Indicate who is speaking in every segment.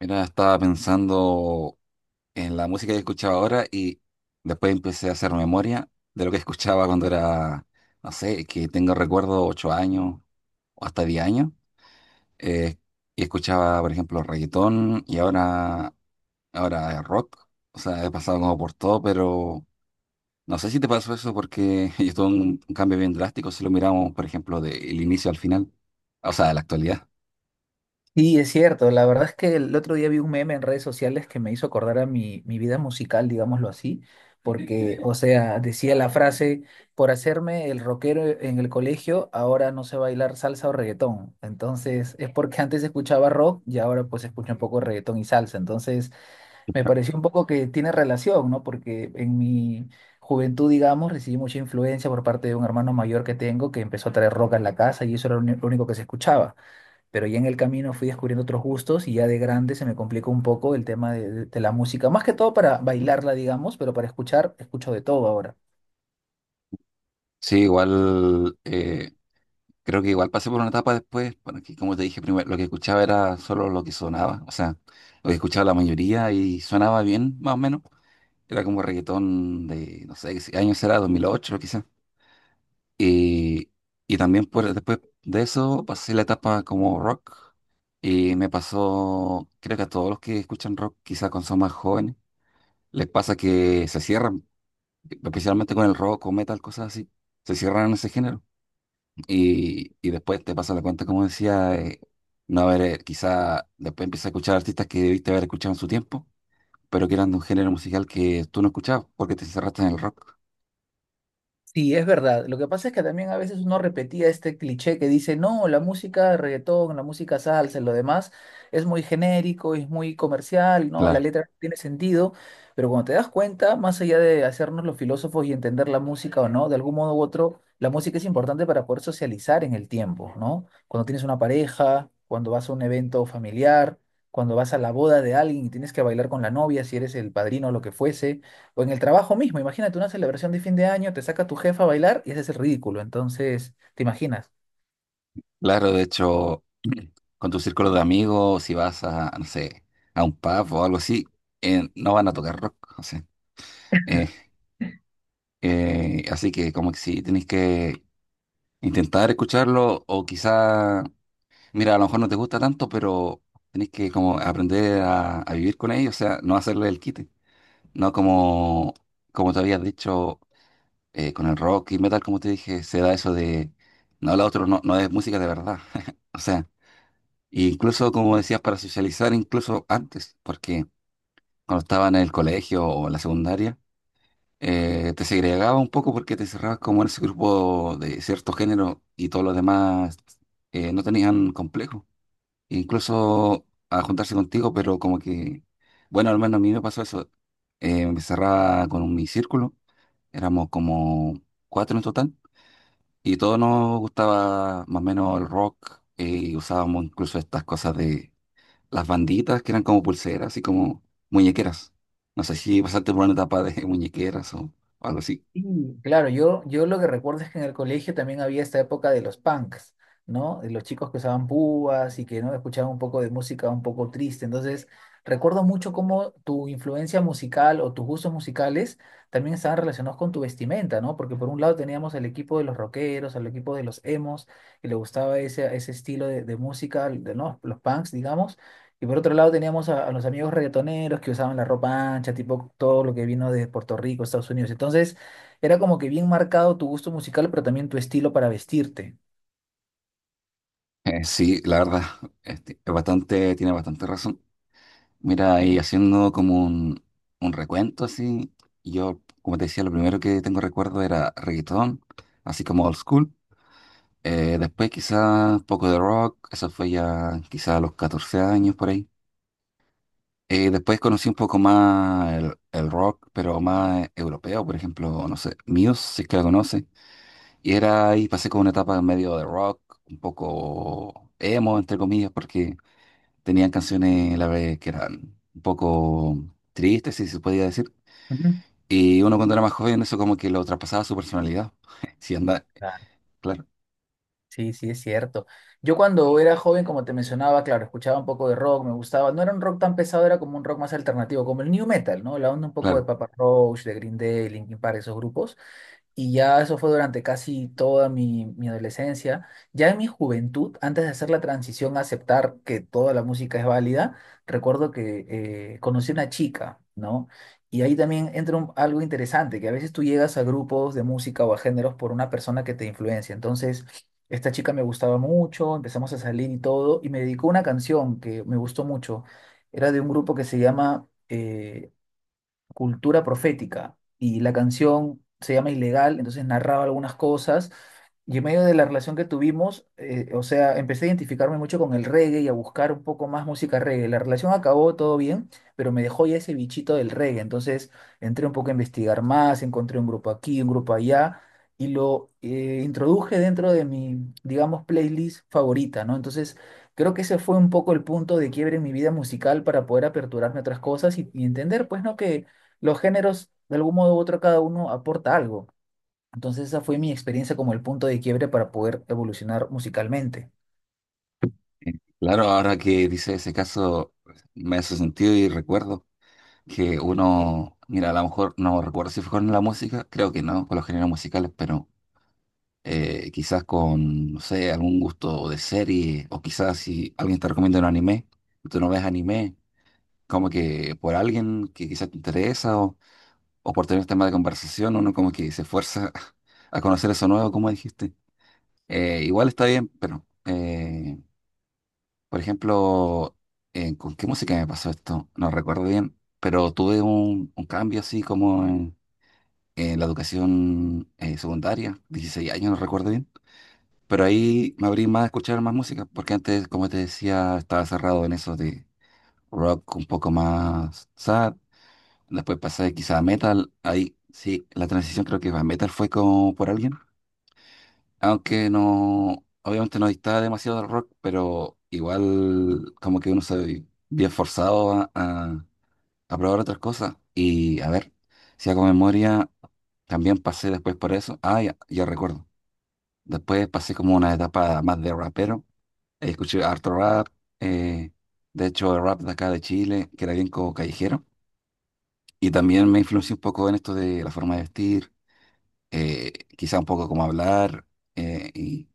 Speaker 1: Mira, estaba pensando en la música que escuchaba ahora y después empecé a hacer memoria de lo que escuchaba cuando era, no sé, que tengo recuerdo 8 años o hasta 10 años. eh, y escuchaba, por ejemplo, reggaetón y ahora rock. O sea, he pasado como por todo, pero no sé si te pasó eso porque yo tuve un cambio bien drástico si lo miramos, por ejemplo, del inicio al final, o sea, de la actualidad.
Speaker 2: Sí, es cierto. La verdad es que el otro día vi un meme en redes sociales que me hizo acordar a mi vida musical, digámoslo así, porque, o sea, decía la frase, por hacerme el rockero en el colegio, ahora no sé bailar salsa o reggaetón. Entonces, es porque antes escuchaba rock y ahora pues escucho un poco de reggaetón y salsa. Entonces, me pareció un poco que tiene relación, ¿no? Porque en mi juventud, digamos, recibí mucha influencia por parte de un hermano mayor que tengo que empezó a traer rock a la casa y eso era lo único que se escuchaba, pero ya en el camino fui descubriendo otros gustos y ya de grande se me complicó un poco el tema de la música, más que todo para bailarla, digamos, pero para escuchar, escucho de todo ahora.
Speaker 1: Sí, igual. Creo que igual pasé por una etapa después, bueno, que como te dije primero, lo que escuchaba era solo lo que sonaba, o sea, lo que escuchaba la mayoría y sonaba bien, más o menos. Era como reggaetón de, no sé, qué años era, 2008 quizás. Y, y también por, después de eso pasé la etapa como rock y me pasó, creo que a todos los que escuchan rock, quizás cuando son más jóvenes, les pasa que se cierran, especialmente con el rock o metal, cosas así, se cierran en ese género. Y después te pasa la cuenta, como decía, no haber, quizá después empiezas a escuchar artistas que debiste haber escuchado en su tiempo, pero que eran de un género musical que tú no escuchabas porque te encerraste en el rock.
Speaker 2: Sí, es verdad. Lo que pasa es que también a veces uno repetía este cliché que dice, no, la música de reggaetón, la música salsa, lo demás es muy genérico, es muy comercial, ¿no? La
Speaker 1: Claro,
Speaker 2: letra no tiene sentido, pero cuando te das cuenta, más allá de hacernos los filósofos y entender la música o no, de algún modo u otro, la música es importante para poder socializar en el tiempo, ¿no? Cuando tienes una pareja, cuando vas a un evento familiar, cuando vas a la boda de alguien y tienes que bailar con la novia, si eres el padrino o lo que fuese. O en el trabajo mismo, imagínate una celebración de fin de año, te saca tu jefa a bailar y ese es el ridículo. Entonces, ¿te imaginas?
Speaker 1: claro, de hecho, con tu círculo de amigos, si vas a, no sé, a un pub o algo así, no van a tocar rock, o sea, eh, así que como que sí, tenés que intentar escucharlo o quizá. Mira, a lo mejor no te gusta tanto, pero tenés que como aprender a vivir con ellos, o sea, no hacerle el quite. No como, como te habías dicho, con el rock y metal, como te dije, se da eso de, no, la otro no, no es música de verdad. O sea, incluso como decías, para socializar, incluso antes, porque cuando estaba en el colegio o en la secundaria, te segregaba un poco porque te cerrabas como en ese grupo de cierto género y todos los demás no tenían complejo. Incluso a juntarse contigo, pero como que, bueno, al menos a mí me pasó eso. Me cerraba con mi círculo, éramos como cuatro en total, y todos nos gustaba más o menos el rock, y usábamos incluso estas cosas de las banditas que eran como pulseras, así como muñequeras. No sé si pasaste por una etapa de muñequeras o algo así.
Speaker 2: Sí, claro, yo lo que recuerdo es que en el colegio también había esta época de los punks, ¿no? De los chicos que usaban púas y que no escuchaban un poco de música un poco triste. Entonces, recuerdo mucho cómo tu influencia musical o tus gustos musicales también estaban relacionados con tu vestimenta, ¿no? Porque por un lado teníamos el equipo de los rockeros, al equipo de los emos, que le gustaba ese estilo de música, de, ¿no? Los punks, digamos. Y por otro lado teníamos a los amigos reggaetoneros que usaban la ropa ancha, tipo todo lo que vino de Puerto Rico, Estados Unidos. Entonces, era como que bien marcado tu gusto musical, pero también tu estilo para vestirte.
Speaker 1: Sí, la verdad, este, es bastante, tiene bastante razón. Mira, y haciendo como un recuento así, yo, como te decía, lo primero que tengo recuerdo era reggaetón, así como old school. Después quizás un poco de rock, eso fue ya quizás a los 14 años por ahí. Después conocí un poco más el rock, pero más europeo, por ejemplo, no sé, Muse, si es que la conoce. Y era ahí, pasé como una etapa en medio de rock, un poco emo, entre comillas, porque tenían canciones la vez que eran un poco tristes, si se podía decir.
Speaker 2: Ujú.
Speaker 1: Y uno cuando era más joven, eso como que lo traspasaba a su personalidad. Si anda,
Speaker 2: Claro.
Speaker 1: claro,
Speaker 2: Sí, sí, es cierto. Yo cuando era joven, como te mencionaba, claro, escuchaba un poco de rock, me gustaba. No era un rock tan pesado, era como un rock más alternativo, como el new metal, ¿no? La onda un poco de
Speaker 1: claro.
Speaker 2: Papa Roach, de Green Day, Linkin Park, esos grupos. Y ya eso fue durante casi toda mi adolescencia. Ya en mi juventud, antes de hacer la transición a aceptar que toda la música es válida, recuerdo que conocí una chica, ¿no? Y ahí también entra algo interesante, que a veces tú llegas a grupos de música o a géneros por una persona que te influencia. Entonces, esta chica me gustaba mucho, empezamos a salir y todo, y me dedicó una canción que me gustó mucho. Era de un grupo que se llama Cultura Profética y la canción se llama Ilegal, entonces narraba algunas cosas y en medio de la relación que tuvimos, o sea, empecé a identificarme mucho con el reggae y a buscar un poco más música reggae. La relación acabó todo bien, pero me dejó ya ese bichito del reggae, entonces entré un poco a investigar más, encontré un grupo aquí, un grupo allá. Y lo introduje dentro de mi, digamos, playlist favorita, ¿no? Entonces, creo que ese fue un poco el punto de quiebre en mi vida musical para poder aperturarme a otras cosas y entender, pues, ¿no? Que los géneros, de algún modo u otro, cada uno aporta algo. Entonces esa fue mi experiencia como el punto de quiebre para poder evolucionar musicalmente.
Speaker 1: Eh, Claro, ahora que dice ese caso, me hace sentido y recuerdo que uno, mira, a lo mejor no recuerdo si fue con la música, creo que no, con los géneros musicales, pero quizás con, no sé, algún gusto de serie, o quizás si alguien te recomienda un anime, y tú no ves anime, como que por alguien que quizás te interesa o por tener tema de conversación, uno como que se fuerza a conocer eso nuevo, como dijiste. Igual está bien, pero, por ejemplo, ¿con qué música me pasó esto? No recuerdo bien, pero tuve un cambio así como en la educación secundaria, 16 años, no recuerdo bien. Pero ahí me abrí más a escuchar más música, porque antes, como te decía, estaba cerrado en eso de rock un poco más sad. Después pasé quizá a metal, ahí sí, la transición creo que a metal fue como por alguien, aunque no, obviamente no distaba demasiado del rock, pero igual como que uno se ve bien forzado a, a probar otras cosas. Y a ver, si hago memoria, también pasé después por eso, ah, ya, ya recuerdo, después pasé como una etapa más de rapero. Escuché harto rap, eh, de hecho el rap de acá de Chile, que era bien como callejero, y también me influenció un poco en esto de la forma de vestir, quizá un poco cómo hablar, eh, y,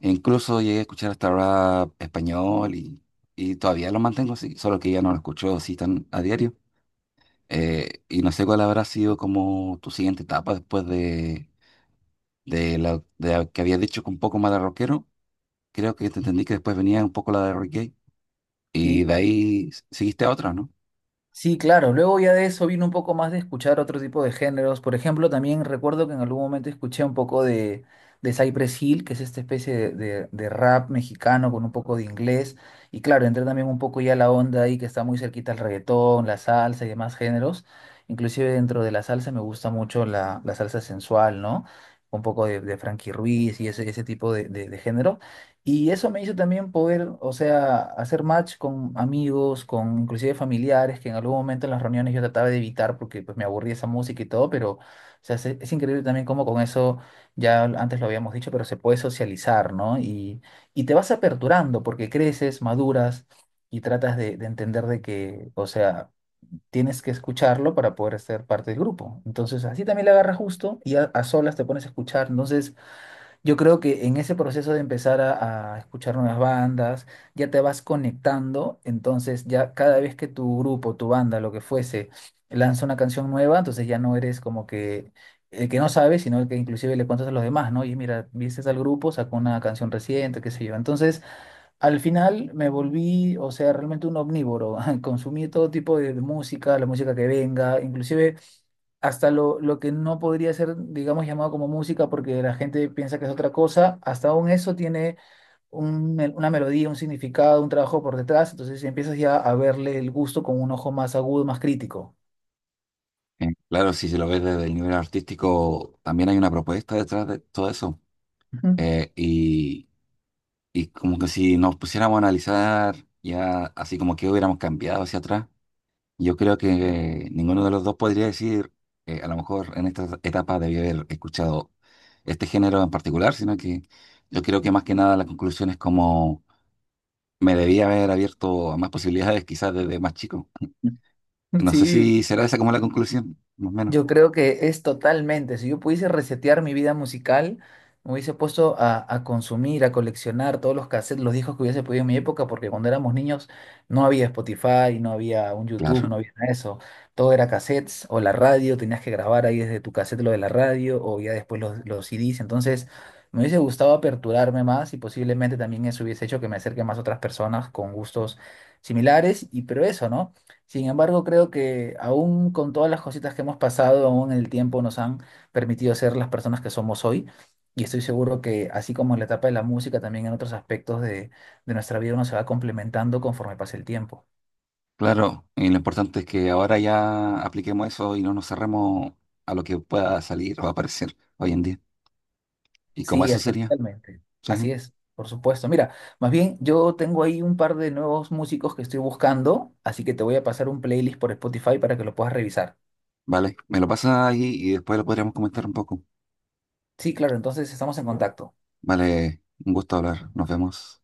Speaker 1: e incluso llegué a escuchar hasta rap español, y todavía lo mantengo así, solo que ya no lo escucho así tan a diario. Y no sé cuál habrá sido como tu siguiente etapa después de la de que habías dicho que un poco más de rockero. Creo que te entendí que después venía un poco la de reggae y
Speaker 2: Y
Speaker 1: de ahí seguiste a otra, ¿no?
Speaker 2: sí, claro. Luego ya de eso vino un poco más de escuchar otro tipo de géneros. Por ejemplo, también recuerdo que en algún momento escuché un poco de Cypress Hill, que es esta especie de rap mexicano con un poco de inglés. Y claro, entré también un poco ya a la onda ahí que está muy cerquita al reggaetón, la salsa y demás géneros. Inclusive dentro de la salsa me gusta mucho la salsa sensual, ¿no? Un poco de Frankie Ruiz y ese tipo de género. Y eso me hizo también poder, o sea, hacer match con amigos, con inclusive familiares, que en algún momento en las reuniones yo trataba de evitar porque pues me aburría esa música y todo, pero o sea, es increíble también cómo con eso, ya antes lo habíamos dicho, pero se puede socializar, ¿no? Y te vas aperturando porque creces, maduras y tratas de entender de que, o sea, tienes que escucharlo para poder ser parte del grupo. Entonces, así también le agarras gusto y a solas te pones a escuchar. Entonces, yo creo que en ese proceso de empezar a escuchar nuevas bandas, ya te vas conectando, entonces ya cada vez que tu grupo, tu banda, lo que fuese, lanza una canción nueva, entonces ya no eres como que el que no sabe, sino el que inclusive le cuentas a los demás, ¿no? Y mira, viste al grupo, sacó una canción reciente, qué sé yo. Entonces, al final me volví, o sea, realmente un omnívoro, consumí todo tipo de música, la música que venga, inclusive hasta lo que no podría ser, digamos, llamado como música porque la gente piensa que es otra cosa, hasta aún eso tiene una melodía, un significado, un trabajo por detrás, entonces empiezas ya a verle el gusto con un ojo más agudo, más crítico.
Speaker 1: Claro, si se lo ves desde el nivel artístico, también hay una propuesta detrás de todo eso.
Speaker 2: Ujú.
Speaker 1: Eh, y, Y como que si nos pusiéramos a analizar ya así como que hubiéramos cambiado hacia atrás, yo creo que ninguno de los dos podría decir, a lo mejor en esta etapa debí haber escuchado este género en particular, sino que yo creo que más que nada la conclusión es como me debía haber abierto a más posibilidades quizás desde más chico. No sé
Speaker 2: Sí,
Speaker 1: si será esa como la conclusión, más o menos.
Speaker 2: yo creo que es totalmente. Si yo pudiese resetear mi vida musical, me hubiese puesto a consumir, a coleccionar todos los cassettes, los discos que hubiese podido en mi época, porque cuando éramos niños no había Spotify, no había un YouTube,
Speaker 1: Claro,
Speaker 2: no había nada de eso. Todo era cassettes o la radio, tenías que grabar ahí desde tu cassette lo de la radio o ya después los CDs. Entonces, me hubiese gustado aperturarme más y posiblemente también eso hubiese hecho que me acerque más a otras personas con gustos similares. Y pero eso, ¿no? Sin embargo, creo que aún con todas las cositas que hemos pasado, aún el tiempo nos han permitido ser las personas que somos hoy. Y estoy seguro que así como en la etapa de la música, también en otros aspectos de nuestra vida uno se va complementando conforme pasa el tiempo.
Speaker 1: claro. Y lo importante es que ahora ya apliquemos eso y no nos cerremos a lo que pueda salir o aparecer hoy en día. Y como
Speaker 2: Sí,
Speaker 1: eso
Speaker 2: así es
Speaker 1: sería.
Speaker 2: totalmente.
Speaker 1: Sí,
Speaker 2: Así es, por supuesto. Mira, más bien yo tengo ahí un par de nuevos músicos que estoy buscando, así que te voy a pasar un playlist por Spotify para que lo puedas revisar.
Speaker 1: vale. Me lo pasas ahí y después lo podríamos comentar un poco.
Speaker 2: Sí, claro, entonces estamos en contacto.
Speaker 1: Vale, un gusto hablar. Nos vemos.